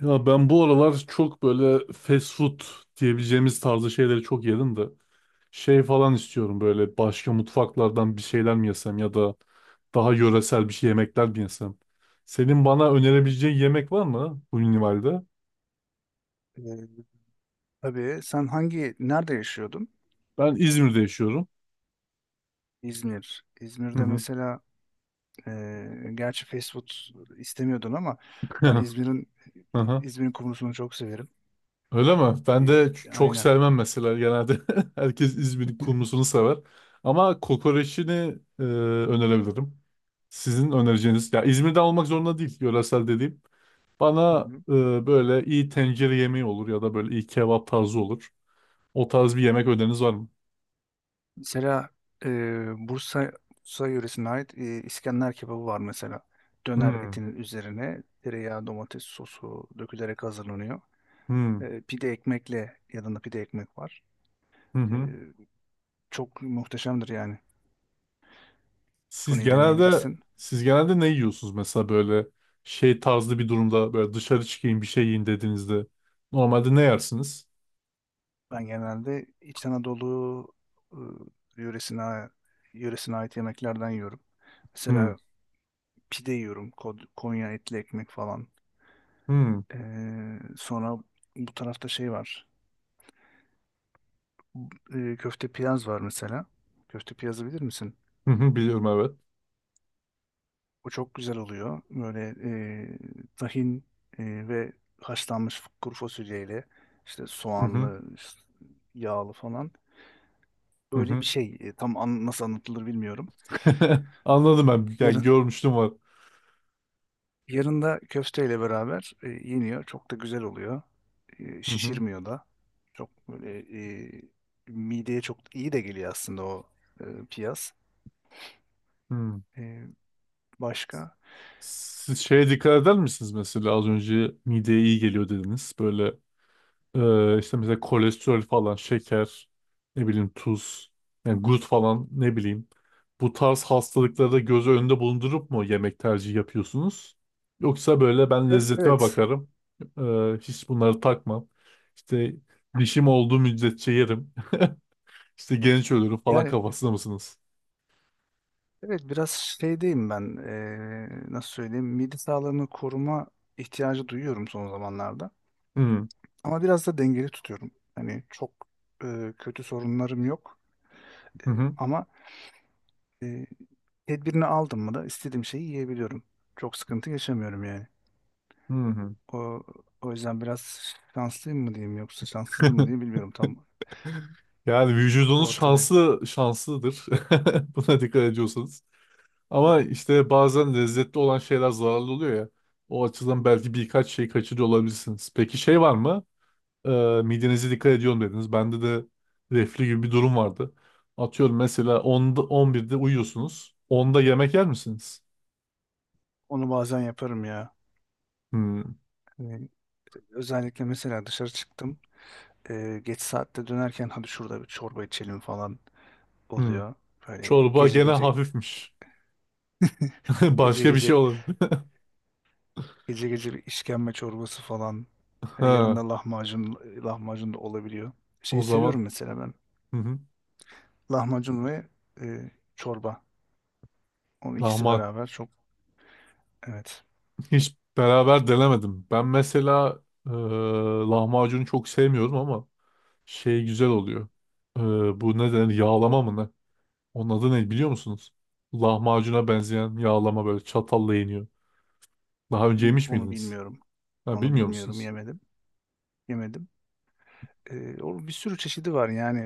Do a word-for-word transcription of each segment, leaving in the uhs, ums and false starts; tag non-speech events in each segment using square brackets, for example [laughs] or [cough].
Ya ben bu aralar çok böyle fast food diyebileceğimiz tarzı şeyleri çok yedim de şey falan istiyorum böyle başka mutfaklardan bir şeyler mi yesem ya da daha yöresel bir şey yemekler mi yesem. Senin bana önerebileceğin yemek var mı bu minimalde? Ee, tabii sen hangi nerede yaşıyordun? Ben İzmir'de yaşıyorum. İzmir. Hı İzmir'de hı. mesela e, gerçi fast food istemiyordun ama ben İzmir'in [laughs] İzmir'in kumrusunu çok severim. Öyle mi? Ben de E, ç- çok aynen. sevmem mesela genelde. [laughs] Herkes İzmir'in kumrusunu sever. Ama kokoreçini e, önerebilirim. Sizin önereceğiniz, ya İzmir'den olmak zorunda değil, yöresel dediğim. Hı Bana hı. e, böyle iyi tencere yemeği olur ya da böyle iyi kebap tarzı olur. O tarz bir yemek öneriniz var mı? Mesela e, Bursa Bursa yöresine ait e, İskender kebabı var mesela. Döner Hmm, etinin üzerine tereyağı, domates sosu dökülerek hazırlanıyor. hmm, E, pide ekmekle yanında pide ekmek var. hı E, hı. çok muhteşemdir yani. Siz Onu genelde deneyebilirsin. siz genelde ne yiyorsunuz mesela böyle şey tarzı bir durumda böyle dışarı çıkayım bir şey yiyin dediğinizde normalde ne yersiniz? Ben genelde İç Anadolu ıı, yöresine, yöresine ait yemeklerden yiyorum. Hmm. Mesela pide yiyorum. Kod- Konya etli ekmek falan. Hmm. Ee, sonra bu tarafta şey var. Bu- e, köfte piyaz var mesela. Köfte piyazı bilir misin? Hı hı, biliyorum evet. O çok güzel oluyor. Böyle e, tahin e, ve haşlanmış kuru fasulyeyle işte Hı hı, soğanlı, işte yağlı falan hı böyle bir hı. şey. E, tam an- nasıl anlatılır bilmiyorum. [laughs] Anladım ben. Yani Yarın görmüştüm var. yarın da köfteyle beraber e, yeniyor. Çok da güzel oluyor. E, Hı hı, şişirmiyor da. Çok böyle e, mideye çok iyi de geliyor aslında o e, piyaz. hı. E, başka? Siz şeye dikkat eder misiniz mesela az önce mideye iyi geliyor dediniz. Böyle e, işte mesela kolesterol falan, şeker, ne bileyim tuz, yani gut falan ne bileyim. Bu tarz hastalıkları da göz önünde bulundurup mu yemek tercihi yapıyorsunuz? Yoksa böyle ben Ev- lezzetime evet. bakarım. E, hiç bunları takmam. İşte dişim olduğu müddetçe yerim. [laughs] İşte genç ölürüm falan Yani kafasında mısınız? evet, biraz şeydeyim ben, eee, nasıl söyleyeyim, mide sağlığını koruma ihtiyacı duyuyorum son zamanlarda Hı ama biraz da dengeli tutuyorum. Hani çok eee, kötü sorunlarım yok. hı Eee, hı. ama eee, tedbirini aldım mı da istediğim şeyi yiyebiliyorum. Çok sıkıntı yaşamıyorum yani. Hı hı. O, o yüzden biraz şanslıyım mı diyeyim yoksa şanssızım mı diyeyim [laughs] bilmiyorum, tam Yani vücudunuz ortadayım. şanslı şanslıdır. [laughs] Buna dikkat ediyorsanız. Hı Ama hı. işte bazen lezzetli olan şeyler zararlı oluyor ya. O açıdan belki birkaç şey kaçırıyor olabilirsiniz. Peki şey var mı? Ee, midenize dikkat ediyorum dediniz. Bende de reflü gibi bir durum vardı. Atıyorum mesela onda on birde uyuyorsunuz. Onda yemek yer misiniz? Onu bazen yaparım ya. Hmm, Eee, özellikle mesela dışarı çıktım. E, geç saatte dönerken hadi şurada bir çorba içelim falan hmm. oluyor. Böyle Çorba gece gene gece hafifmiş. [laughs] [laughs] gece Başka bir şey gece olabilir. gece gece bir işkembe çorbası falan. E, yanında [laughs] lahmacun lahmacun da olabiliyor. O Şeyi zaman seviyorum mesela ben. hı hı. Lahmacun ve e, çorba. Onun ikisi Lahmacun beraber çok, evet. [laughs] hiç beraber denemedim. Ben mesela e, lahmacunu çok sevmiyorum ama şey güzel oluyor. E, bu ne denir? Yağlama mı ne? Onun adı ne biliyor musunuz? Lahmacuna benzeyen yağlama böyle çatalla yeniyor. Daha önce yemiş Onu miydiniz? bilmiyorum. Ha, Onu bilmiyor bilmiyorum, musunuz? yemedim. Yemedim. E, o bir sürü çeşidi var yani,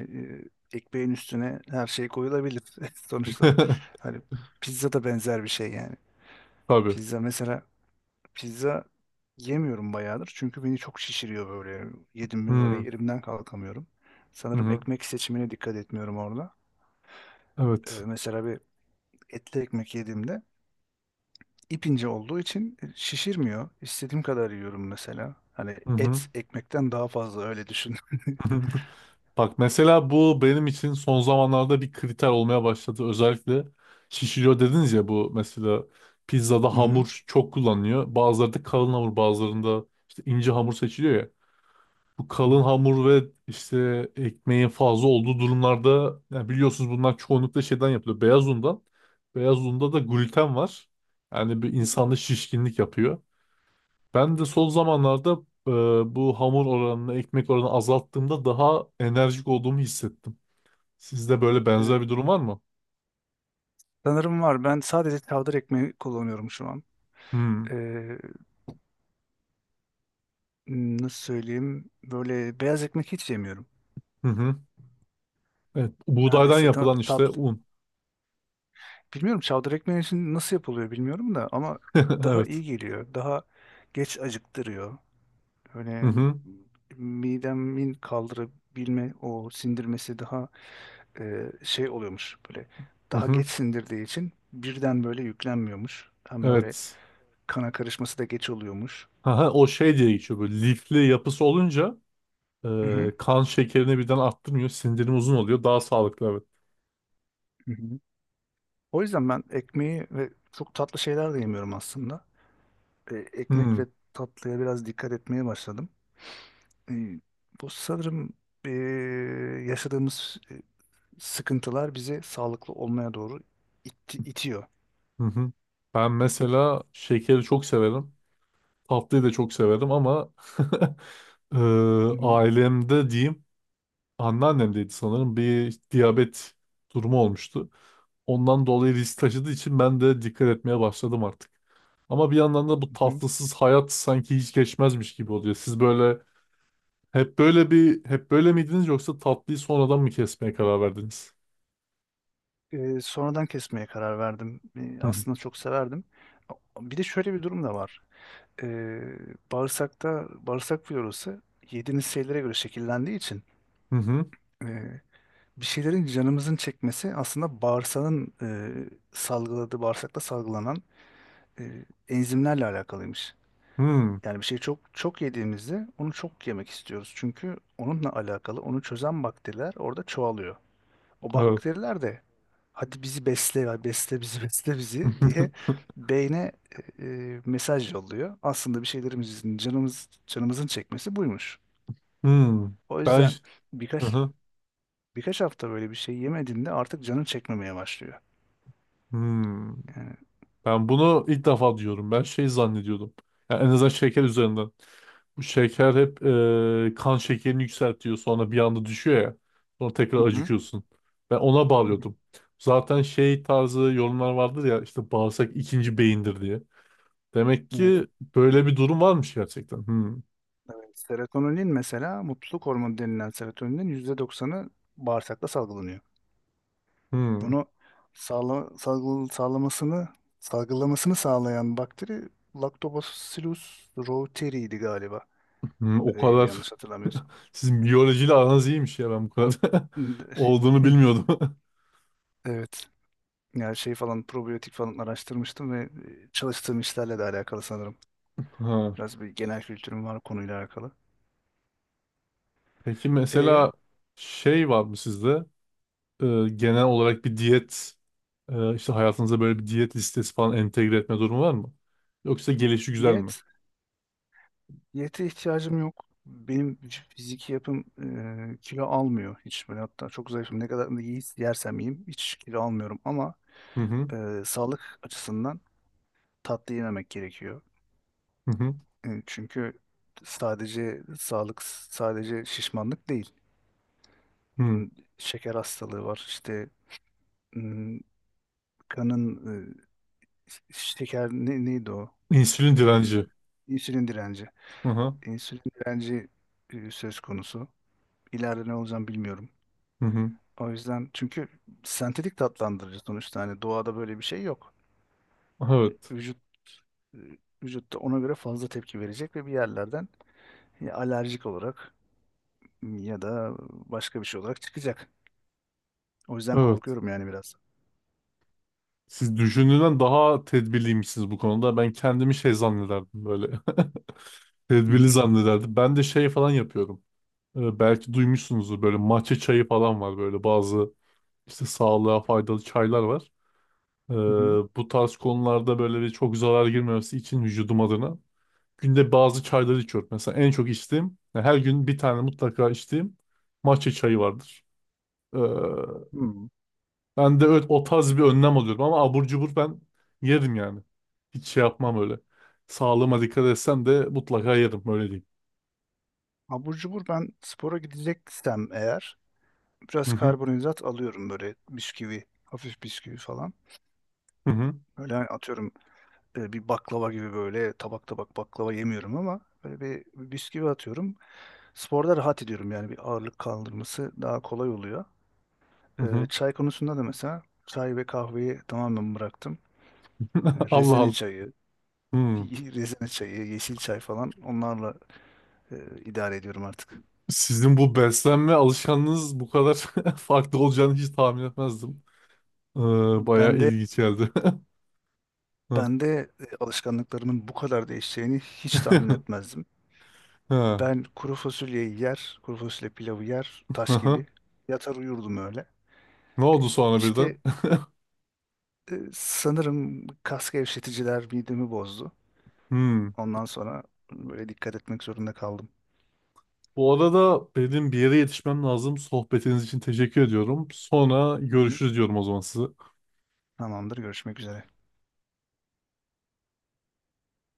e, ekmeğin üstüne her şey koyulabilir [laughs] sonuçta. [laughs] Hani pizza da benzer bir şey yani. Tabii. Pizza mesela, pizza yemiyorum bayağıdır çünkü beni çok şişiriyor böyle. Yedim Hı mi böyle hı. yerimden kalkamıyorum. Sanırım Hı. ekmek seçimine dikkat etmiyorum orada. E, Evet. mesela bir etli ekmek yediğimde ip ince olduğu için şişirmiyor. İstediğim kadar yiyorum mesela. Hani Hı hı. et ekmekten daha fazla öyle düşün. [laughs] [laughs] Bak mesela bu benim için son zamanlarda bir kriter olmaya başladı. Özellikle şişiriyor dediniz ya bu mesela pizzada Hı hı. hamur çok kullanılıyor. Bazıları da kalın hamur bazılarında işte ince hamur seçiliyor ya. Bu Hı kalın hı. hamur ve işte ekmeğin fazla olduğu durumlarda yani biliyorsunuz bunlar çoğunlukla şeyden yapılıyor. Beyaz undan. Beyaz unda da gluten var. Yani bir Hı hı. insanda şişkinlik yapıyor. Ben de son zamanlarda e, bu hamur oranını, ekmek oranını azalttığımda daha enerjik olduğumu hissettim. Sizde böyle Evet, benzer bir durum var mı? sanırım var. Ben sadece çavdar ekmeği kullanıyorum şu an. Hmm. Ee, nasıl söyleyeyim? Böyle beyaz ekmek hiç yemiyorum. Hı hı. Evet. Buğdaydan Neredeyse tam yapılan işte tatlı. un. Bilmiyorum, çavdar ekmeği için nasıl yapılıyor bilmiyorum da ama [laughs] daha Evet. iyi geliyor. Daha geç acıktırıyor. Hı Öyle hı. midemin kaldırabilme o sindirmesi daha e, şey oluyormuş, böyle Hı daha geç hı. sindirdiği için birden böyle yüklenmiyormuş. Hem böyle Evet. kana karışması da geç oluyormuş. Aha, o şey diye geçiyor böyle lifli yapısı olunca Hı hı. e, kan şekerini birden arttırmıyor. Sindirim uzun oluyor. Daha sağlıklı evet. Hı hı. O yüzden ben ekmeği ve çok tatlı şeyler de yemiyorum aslında. E, ekmek Hmm. ve tatlıya biraz dikkat etmeye başladım. E, bu sanırım e, yaşadığımız e, sıkıntılar bizi sağlıklı olmaya doğru itti- itiyor. Hı hı. Ben mesela şekeri çok severim. Tatlıyı da çok severim ama [laughs] eee, Hı hı, ailemde diyeyim anneannemdeydi sanırım bir diyabet durumu olmuştu. Ondan dolayı risk taşıdığı için ben de dikkat etmeye başladım artık. Ama bir yandan da bu hı hı. tatlısız hayat sanki hiç geçmezmiş gibi oluyor. Siz böyle hep böyle bir hep böyle miydiniz yoksa tatlıyı sonradan mı kesmeye karar verdiniz? E, sonradan kesmeye karar verdim. E, Hı aslında çok severdim. Bir de şöyle bir durum da var. E, bağırsakta bağırsak florası yediğiniz şeylere göre şekillendiği için hı hı. e, bir şeylerin canımızın çekmesi aslında bağırsağın e, salgıladığı, bağırsakta salgılanan e, enzimlerle alakalıymış. Hı. Hmm, Yani bir şeyi çok çok yediğimizde onu çok yemek istiyoruz. Çünkü onunla alakalı onu çözen bakteriler orada çoğalıyor. O evet. bakteriler de hadi bizi besle ya, besle bizi, [laughs] besle bizi diye [laughs] beyne e, e, mesaj yolluyor. Aslında bir şeylerimizin canımız canımızın çekmesi buymuş. Hmm. O Ben yüzden hı birkaç hı. birkaç hafta böyle bir şey yemediğinde artık canın çekmemeye başlıyor. Hmm. Yani Ben bunu ilk defa diyorum. Ben şey zannediyordum. Yani en azından şeker üzerinden. Bu şeker hep e, kan şekerini yükseltiyor. Sonra bir anda düşüyor ya. Sonra hı tekrar hı. acıkıyorsun. Ben ona Hı hı. bağlıyordum. Zaten şey tarzı yorumlar vardır ya işte bağırsak ikinci beyindir diye. Demek ki Evet, böyle bir durum varmış gerçekten. Hmm. evet. Serotonin mesela mutluluk hormonu denilen serotoninin yüzde doksanı bağırsakta salgılanıyor. Hmm. Bunu sağla, salgı- sağlamasını, salgılamasını sağlayan bakteri Lactobacillus reuteri'ydi galiba. Hmm. O Ee, kadar yanlış hatırlamıyorsam. [laughs] sizin biyolojiyle aranız iyiymiş ya ben bu kadar [laughs] olduğunu [laughs] bilmiyordum. [laughs] Evet. Yani şey falan, probiyotik falan araştırmıştım ve e, çalıştığım işlerle de alakalı sanırım. Ha. Biraz bir genel kültürüm var konuyla alakalı. Peki E, mesela şey var mı sizde? E, genel olarak bir diyet e, işte hayatınıza böyle bir diyet listesi falan entegre etme durumu var mı? Yoksa gelişi güzel mi? diyet Diyete ihtiyacım yok. Benim fiziki yapım e, kilo almıyor hiç böyle, hatta çok zayıfım. Ne kadar da yiyiz- yersem yiyeyim hiç kilo almıyorum ama Hı hı e, sağlık açısından tatlı yememek gerekiyor. hı hı. E, çünkü sadece sağlık, sadece şişmanlık değil. Hı. Hmm, şeker hastalığı var. İşte hmm, kanın e, şeker, ne, neydi o? İnsülin E, direnci. insülin direnci. Hı hı İnsülin direnci e, söz konusu. İleride ne olacağım bilmiyorum. hı hı. O yüzden, çünkü sentetik tatlandırıcı sonuçta, hani doğada böyle bir şey yok. Evet. Vücut vücutta ona göre fazla tepki verecek ve bir yerlerden ya alerjik olarak ya da başka bir şey olarak çıkacak. O yüzden Evet. korkuyorum yani biraz. Siz düşündüğünden daha tedbirliymişsiniz bu konuda. Ben kendimi şey zannederdim böyle. [laughs] Hı Tedbirli hı, zannederdim. Ben de şey falan yapıyorum. E, belki duymuşsunuzdur böyle matcha çayı falan var böyle bazı işte sağlığa faydalı çaylar var. Ee, hı hı, bu tarz konularda böyle bir çok zarar girmemesi için vücudum adına günde bazı çayları içiyorum. Mesela en çok içtiğim, yani her gün bir tane mutlaka içtiğim matcha çayı vardır. Ee, hı. ben de öyle, o tarz bir önlem alıyorum ama abur cubur ben yerim yani. Hiç şey yapmam öyle. Sağlığıma dikkat etsem de mutlaka yerim öyle diyeyim. Abur cubur ben spora gideceksem eğer Hı biraz hı karbonhidrat alıyorum, böyle bisküvi, hafif bisküvi falan. hı hı. Böyle hani atıyorum e, bir baklava gibi böyle tabak tabak baklava yemiyorum ama böyle bir bisküvi atıyorum. Sporda rahat ediyorum yani, bir ağırlık kaldırması daha kolay oluyor. Hı Ee, hı. çay konusunda da mesela çay ve kahveyi tamamen bıraktım. Ee, [laughs] Allah Rezene Allah. çayı, [laughs] Hmm. rezene çayı, yeşil çay falan, onlarla e, idare ediyorum artık. Sizin bu beslenme alışkanlığınız bu kadar [laughs] farklı olacağını hiç tahmin etmezdim. Ee, bayağı Ben de ilginç geldi. [laughs] Hı. ben de e, alışkanlıklarımın bu kadar değişeceğini hiç tahmin [laughs] etmezdim. Ha. Ben kuru fasulyeyi yer, kuru fasulye pilavı yer, Hı taş hı. gibi. Yatar uyurdum öyle. Ne Ee, oldu sonra birden? İşte e, sanırım kas gevşeticiler midemi bozdu. [laughs] Hmm. Ondan sonra böyle dikkat etmek zorunda kaldım. Bu arada benim bir yere yetişmem lazım. Sohbetiniz için teşekkür ediyorum. Sonra Hı hı. görüşürüz diyorum o zaman size. Tamamdır, görüşmek üzere.